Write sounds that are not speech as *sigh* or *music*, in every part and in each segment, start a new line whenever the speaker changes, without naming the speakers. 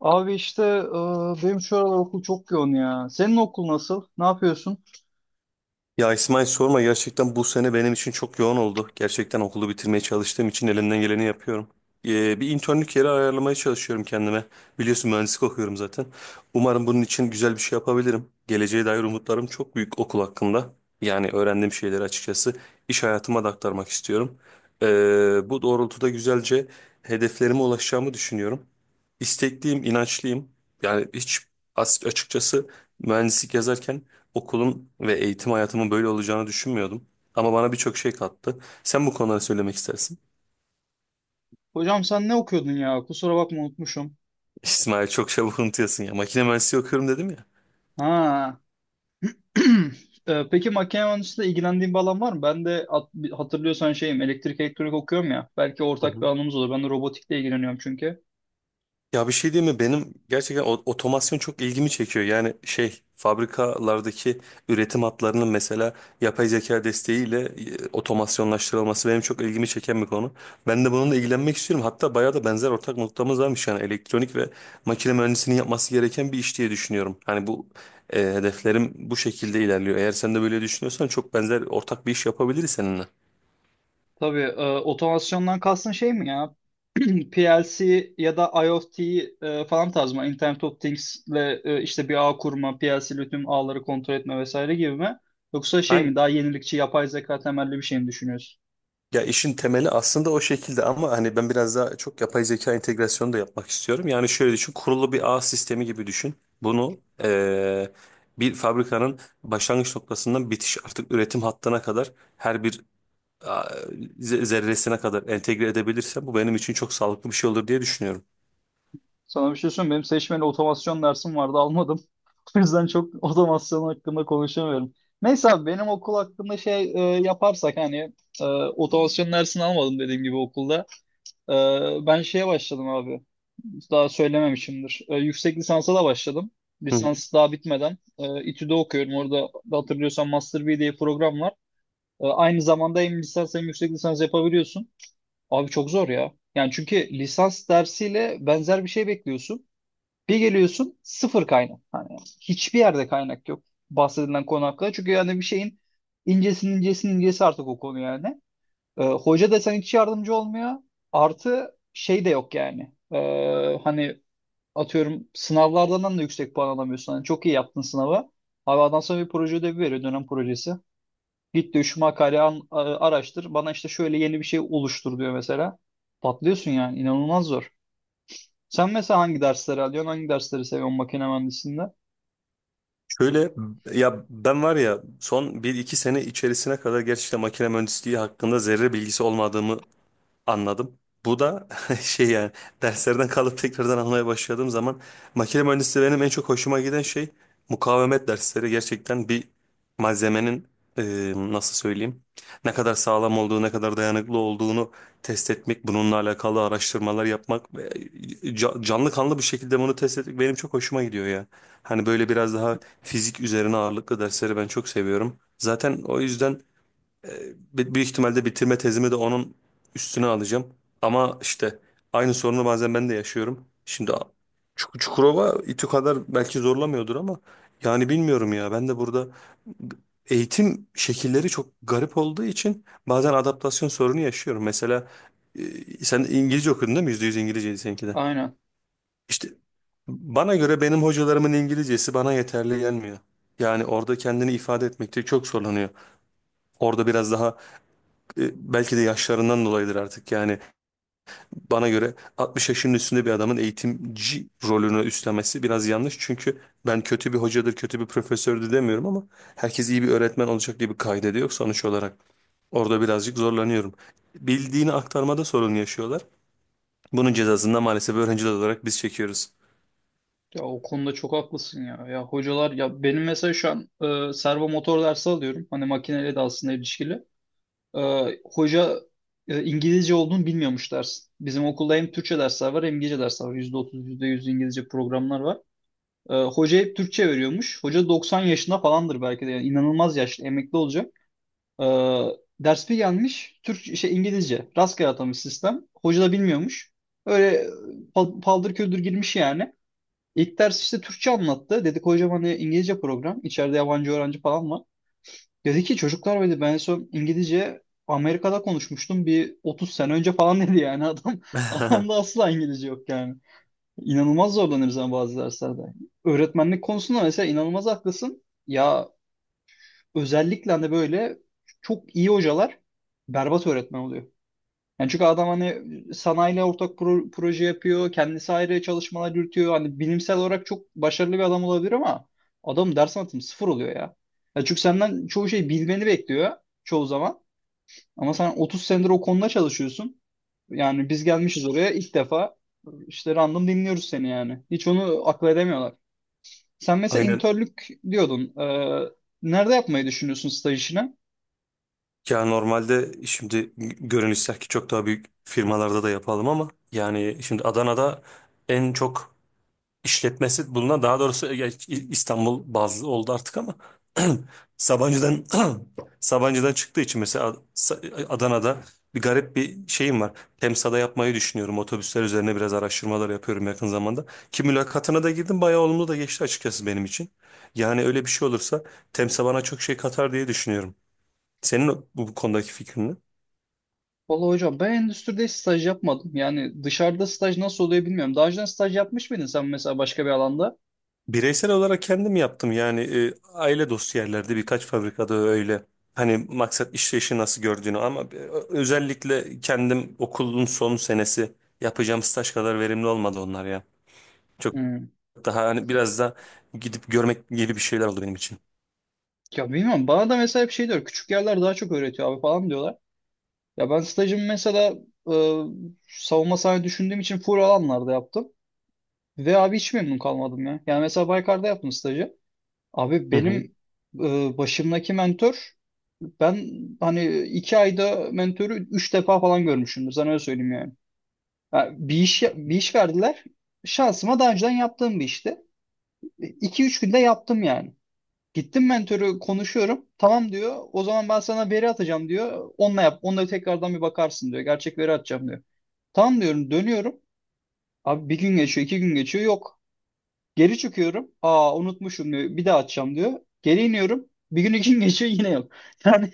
Abi işte benim şu aralar okul çok yoğun ya. Senin okul nasıl? Ne yapıyorsun?
Ya İsmail sorma gerçekten bu sene benim için çok yoğun oldu. Gerçekten okulu bitirmeye çalıştığım için elimden geleni yapıyorum. Bir internlük yeri ayarlamaya çalışıyorum kendime. Biliyorsun mühendislik okuyorum zaten. Umarım bunun için güzel bir şey yapabilirim. Geleceğe dair umutlarım çok büyük okul hakkında. Yani öğrendiğim şeyleri açıkçası iş hayatıma da aktarmak istiyorum. Bu doğrultuda güzelce hedeflerime ulaşacağımı düşünüyorum. İstekliyim, inançlıyım. Yani hiç açıkçası mühendislik yazarken okulun ve eğitim hayatımın böyle olacağını düşünmüyordum. Ama bana birçok şey kattı. Sen bu konuları söylemek istersin.
Hocam sen ne okuyordun ya? Kusura bakma unutmuşum.
*laughs* İsmail çok çabuk unutuyorsun ya. Makine mühendisliği okuyorum dedim ya.
Ha. *clears throat* Peki makine mühendisliğiyle ilgilendiğin bir alan var mı? Hatırlıyorsan şeyim elektrik elektronik okuyorum ya. Belki
Hı
ortak bir
hı.
alanımız olur. Ben de robotikle ilgileniyorum çünkü.
Ya bir şey diyeyim mi? Benim gerçekten otomasyon çok ilgimi çekiyor. Yani şey fabrikalardaki üretim hatlarının mesela yapay zeka desteğiyle otomasyonlaştırılması benim çok ilgimi çeken bir konu. Ben de bununla ilgilenmek istiyorum. Hatta bayağı da benzer ortak noktamız varmış yani elektronik ve makine mühendisinin yapması gereken bir iş diye düşünüyorum. Hani bu hedeflerim bu şekilde ilerliyor. Eğer sen de böyle düşünüyorsan çok benzer ortak bir iş yapabiliriz seninle.
Tabii otomasyondan kastın şey mi ya? *clears throat* PLC ya da IoT falan tarz mı? Internet of Things'le işte bir ağ kurma, PLC'li tüm ağları kontrol etme vesaire gibi mi? Yoksa şey mi? Daha yenilikçi, yapay zeka temelli bir şey mi düşünüyorsun?
Ya işin temeli aslında o şekilde ama hani ben biraz daha çok yapay zeka entegrasyonu da yapmak istiyorum. Yani şöyle düşün, kurulu bir ağ sistemi gibi düşün. Bunu bir fabrikanın başlangıç noktasından bitiş artık üretim hattına kadar her bir a, zerresine kadar entegre edebilirsem bu benim için çok sağlıklı bir şey olur diye düşünüyorum.
Sana bir şey söyleyeyim mi? Benim seçmeli otomasyon dersim vardı, almadım. *laughs* O yüzden çok otomasyon hakkında konuşamıyorum. Neyse abi benim okul hakkında şey yaparsak hani otomasyon dersini almadım dediğim gibi okulda. Ben şeye başladım abi. Daha söylememişimdir. Yüksek lisansa da başladım.
Hı.
Lisans daha bitmeden. İTÜ'de okuyorum. Orada da hatırlıyorsan Master B diye bir program var. Aynı zamanda hem lisans hem yüksek lisans yapabiliyorsun. Abi çok zor ya. Yani çünkü lisans dersiyle benzer bir şey bekliyorsun. Bir geliyorsun sıfır kaynak. Hani hiçbir yerde kaynak yok bahsedilen konu hakkında. Çünkü yani bir şeyin incesinin incesinin incesi artık o konu yani. Hoca da sana hiç yardımcı olmuyor. Artı şey de yok yani. Hani atıyorum sınavlardan da yüksek puan alamıyorsun. Hani çok iyi yaptın sınavı. Abi adam sonra bir proje ödevi veriyor dönem projesi. Git diyor şu makaleyi araştır. Bana işte şöyle yeni bir şey oluştur diyor mesela. Patlıyorsun yani inanılmaz zor. Sen mesela hangi dersleri alıyorsun? Hangi dersleri seviyorsun makine mühendisliğinde?
Şöyle ya ben var ya son bir iki sene içerisine kadar gerçekten makine mühendisliği hakkında zerre bilgisi olmadığımı anladım. Bu da *laughs* şey yani derslerden kalıp tekrardan almaya başladığım zaman makine mühendisliği benim en çok hoşuma giden şey mukavemet dersleri. Gerçekten bir malzemenin nasıl söyleyeyim ne kadar sağlam olduğu ne kadar dayanıklı olduğunu test etmek bununla alakalı araştırmalar yapmak ve canlı kanlı bir şekilde bunu test etmek benim çok hoşuma gidiyor ya. Hani böyle biraz daha fizik üzerine ağırlıklı dersleri ben çok seviyorum. Zaten o yüzden büyük ihtimalle bitirme tezimi de onun üstüne alacağım. Ama işte aynı sorunu bazen ben de yaşıyorum. Şimdi Çukurova İTÜ kadar belki zorlamıyordur ama yani bilmiyorum ya ben de burada eğitim şekilleri çok garip olduğu için bazen adaptasyon sorunu yaşıyorum. Mesela e, sen İngilizce okudun değil mi? Yüzde yüz İngilizceydi seninki de.
Aynen.
İşte bana göre benim hocalarımın İngilizcesi bana yeterli gelmiyor. Yani orada kendini ifade etmekte çok zorlanıyor. Orada biraz daha belki de yaşlarından dolayıdır artık. Yani bana göre 60 yaşının üstünde bir adamın eğitimci rolünü üstlenmesi biraz yanlış. Çünkü ben kötü bir hocadır, kötü bir profesördür demiyorum ama herkes iyi bir öğretmen olacak diye bir kaidede yok sonuç olarak. Orada birazcık zorlanıyorum. Bildiğini aktarmada sorun yaşıyorlar. Bunun cezasını da maalesef öğrenciler olarak biz çekiyoruz.
Ya o konuda çok haklısın ya. Ya hocalar ya benim mesela şu an servo motor dersi alıyorum. Hani makineyle de aslında ilişkili. Hoca İngilizce olduğunu bilmiyormuş ders. Bizim okulda hem Türkçe dersler var hem İngilizce dersler var. %30, %100 İngilizce programlar var. Hoca hep Türkçe veriyormuş. Hoca 90 yaşında falandır belki de. Yani inanılmaz yaşlı, emekli olacak. Ee, Ders bir gelmiş, Türk, şey, İngilizce. Rastgele atamış sistem. Hoca da bilmiyormuş. Öyle paldır küldür girmiş yani. İlk ders işte Türkçe anlattı. Dedik hocam hani İngilizce program. İçeride yabancı öğrenci falan var. Dedi ki çocuklar dedi ben en son İngilizce Amerika'da konuşmuştum bir 30 sene önce falan *laughs* dedi yani adam *laughs* adamda
*laughs*
asla İngilizce yok yani. İnanılmaz zorlanırız ama bazı derslerde. Öğretmenlik konusunda mesela inanılmaz haklısın. Ya özellikle de böyle çok iyi hocalar berbat öğretmen oluyor. Yani çünkü adam hani sanayiyle ortak proje yapıyor, kendisi ayrı çalışmalar yürütüyor. Hani bilimsel olarak çok başarılı bir adam olabilir ama adam ders anlatımı sıfır oluyor ya. Ya çünkü senden çoğu şeyi bilmeni bekliyor çoğu zaman. Ama sen 30 senedir o konuda çalışıyorsun. Yani biz gelmişiz oraya ilk defa işte random dinliyoruz seni yani. Hiç onu akıl edemiyorlar. Sen mesela
Aynen.
internlük diyordun. Nerede yapmayı düşünüyorsun staj işini?
Ya normalde şimdi görünüşler ki çok daha büyük firmalarda da yapalım ama yani şimdi Adana'da en çok işletmesi bulunan daha doğrusu İstanbul bazlı oldu artık ama *clears throat* Sabancı'dan *clears throat* Sabancı'dan çıktığı için mesela Adana'da bir garip bir şeyim var. Temsa'da yapmayı düşünüyorum. Otobüsler üzerine biraz araştırmalar yapıyorum yakın zamanda. Ki mülakatına da girdim. Bayağı olumlu da geçti açıkçası benim için. Yani öyle bir şey olursa Temsa bana çok şey katar diye düşünüyorum. Senin bu konudaki fikrin ne?
Vallahi hocam ben endüstride hiç staj yapmadım. Yani dışarıda staj nasıl oluyor bilmiyorum. Daha önceden staj yapmış mıydın sen mesela başka bir alanda?
Bireysel olarak kendim yaptım yani aile dostu yerlerde birkaç fabrikada öyle. Hani maksat işleyişi nasıl gördüğünü ama özellikle kendim okulun son senesi yapacağım staj kadar verimli olmadı onlar ya. Çok
Hmm.
daha hani biraz da gidip görmek gibi bir şeyler oldu benim için.
Ya bilmiyorum. Bana da mesela hep şey diyor. Küçük yerler daha çok öğretiyor abi falan diyorlar. Ya ben stajımı mesela e, savunma sahne düşündüğüm için full alanlarda yaptım. Ve abi hiç memnun kalmadım ya. Yani mesela Baykar'da yaptım stajı. Abi
Hı hı.
benim başımdaki mentor ben hani 2 ayda mentörü 3 defa falan görmüşümdür. Sana öyle söyleyeyim yani. Ha, bir iş verdiler. Şansıma daha önceden yaptığım bir işti. 2-3 günde yaptım yani. Gittim mentörü konuşuyorum. Tamam diyor. O zaman ben sana veri atacağım diyor. Onunla yap. Onunla tekrardan bir bakarsın diyor. Gerçek veri atacağım diyor. Tamam diyorum. Dönüyorum. Abi bir gün geçiyor, iki gün geçiyor. Yok. Geri çıkıyorum. Aa unutmuşum diyor. Bir daha atacağım diyor. Geri iniyorum. Bir gün iki gün geçiyor yine yok. *laughs* Yani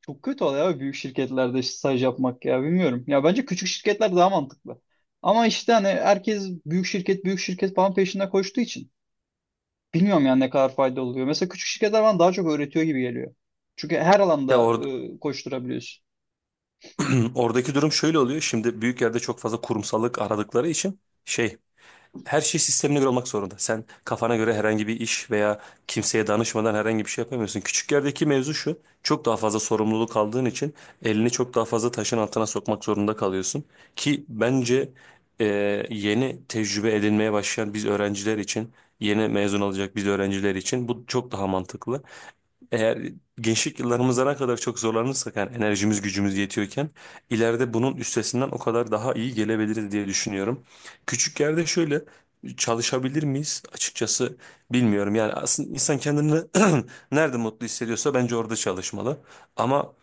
çok kötü oluyor abi büyük şirketlerde işte staj yapmak ya bilmiyorum. Ya bence küçük şirketler daha mantıklı. Ama işte hani herkes büyük şirket büyük şirket falan peşinde koştuğu için bilmiyorum yani ne kadar fayda oluyor. Mesela küçük şirketler bana daha çok öğretiyor gibi geliyor. Çünkü her
Ya
alanda
or
koşturabiliyorsun.
*clears throat* Oradaki durum şöyle oluyor. Şimdi büyük yerde çok fazla kurumsallık aradıkları için şey her şey sistemine göre olmak zorunda. Sen kafana göre herhangi bir iş veya kimseye danışmadan herhangi bir şey yapamıyorsun. Küçük yerdeki mevzu şu. Çok daha fazla sorumluluk aldığın için elini çok daha fazla taşın altına sokmak zorunda kalıyorsun. Ki bence e, yeni tecrübe edinmeye başlayan biz öğrenciler için, yeni mezun olacak biz öğrenciler için bu çok daha mantıklı eğer gençlik yıllarımızda ne kadar çok zorlanırsak yani enerjimiz gücümüz yetiyorken ileride bunun üstesinden o kadar daha iyi gelebiliriz diye düşünüyorum. Küçük yerde şöyle çalışabilir miyiz? Açıkçası bilmiyorum. Yani aslında insan kendini *clears throat* nerede mutlu hissediyorsa bence orada çalışmalı. Ama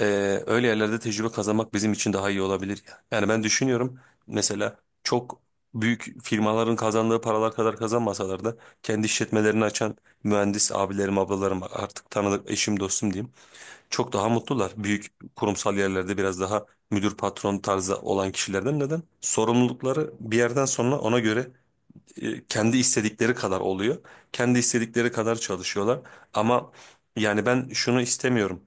öyle yerlerde tecrübe kazanmak bizim için daha iyi olabilir ya. Yani ben düşünüyorum mesela çok büyük firmaların kazandığı paralar kadar kazanmasalar da kendi işletmelerini açan mühendis abilerim, ablalarım artık tanıdık eşim dostum diyeyim. Çok daha mutlular. Büyük kurumsal yerlerde biraz daha müdür patron tarzı olan kişilerden neden? Sorumlulukları bir yerden sonra ona göre kendi istedikleri kadar oluyor. Kendi istedikleri kadar çalışıyorlar. Ama yani ben şunu istemiyorum.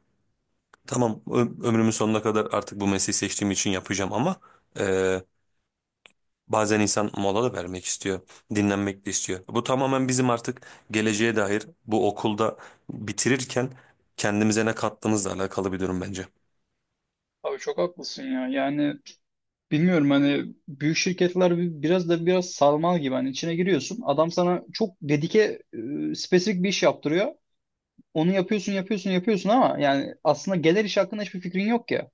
Tamam ömrümün sonuna kadar artık bu mesleği seçtiğim için yapacağım ama e, bazen insan mola da vermek istiyor. Dinlenmek de istiyor. Bu tamamen bizim artık geleceğe dair bu okulda bitirirken kendimize ne kattığımızla alakalı bir durum bence.
Abi çok haklısın ya. Yani bilmiyorum hani büyük şirketler biraz da biraz sarmal gibi hani içine giriyorsun. Adam sana çok dedike spesifik bir iş yaptırıyor. Onu yapıyorsun yapıyorsun yapıyorsun ama yani aslında gelir iş hakkında hiçbir fikrin yok ya.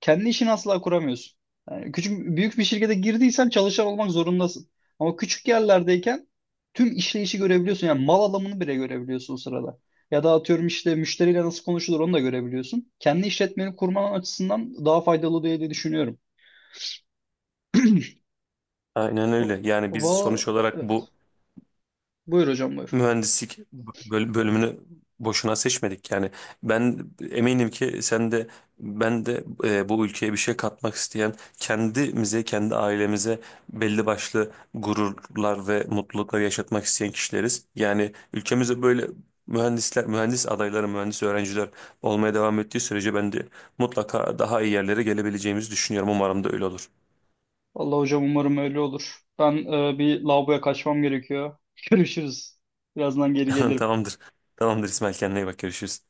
Kendi işini asla kuramıyorsun. Yani küçük büyük bir şirkete girdiysen çalışan olmak zorundasın. Ama küçük yerlerdeyken tüm işleyişi görebiliyorsun. Yani mal alımını bile görebiliyorsun o sırada. Ya da atıyorum işte müşteriyle nasıl konuşulur onu da görebiliyorsun. Kendi işletmeni kurman açısından daha faydalı diye diye düşünüyorum.
Aynen öyle. Yani biz
Va
sonuç olarak bu
evet. Buyur hocam buyur.
mühendislik bölümünü boşuna seçmedik. Yani ben eminim ki sen de ben de bu ülkeye bir şey katmak isteyen kendimize, kendi ailemize belli başlı gururlar ve mutluluklar yaşatmak isteyen kişileriz. Yani ülkemize böyle mühendisler, mühendis adayları, mühendis öğrenciler olmaya devam ettiği sürece ben de mutlaka daha iyi yerlere gelebileceğimizi düşünüyorum. Umarım da öyle olur.
Allah hocam umarım öyle olur. Ben bir lavaboya kaçmam gerekiyor. *laughs* Görüşürüz. Birazdan geri
*laughs*
gelirim.
Tamamdır. Tamamdır İsmail, kendine iyi bak, görüşürüz.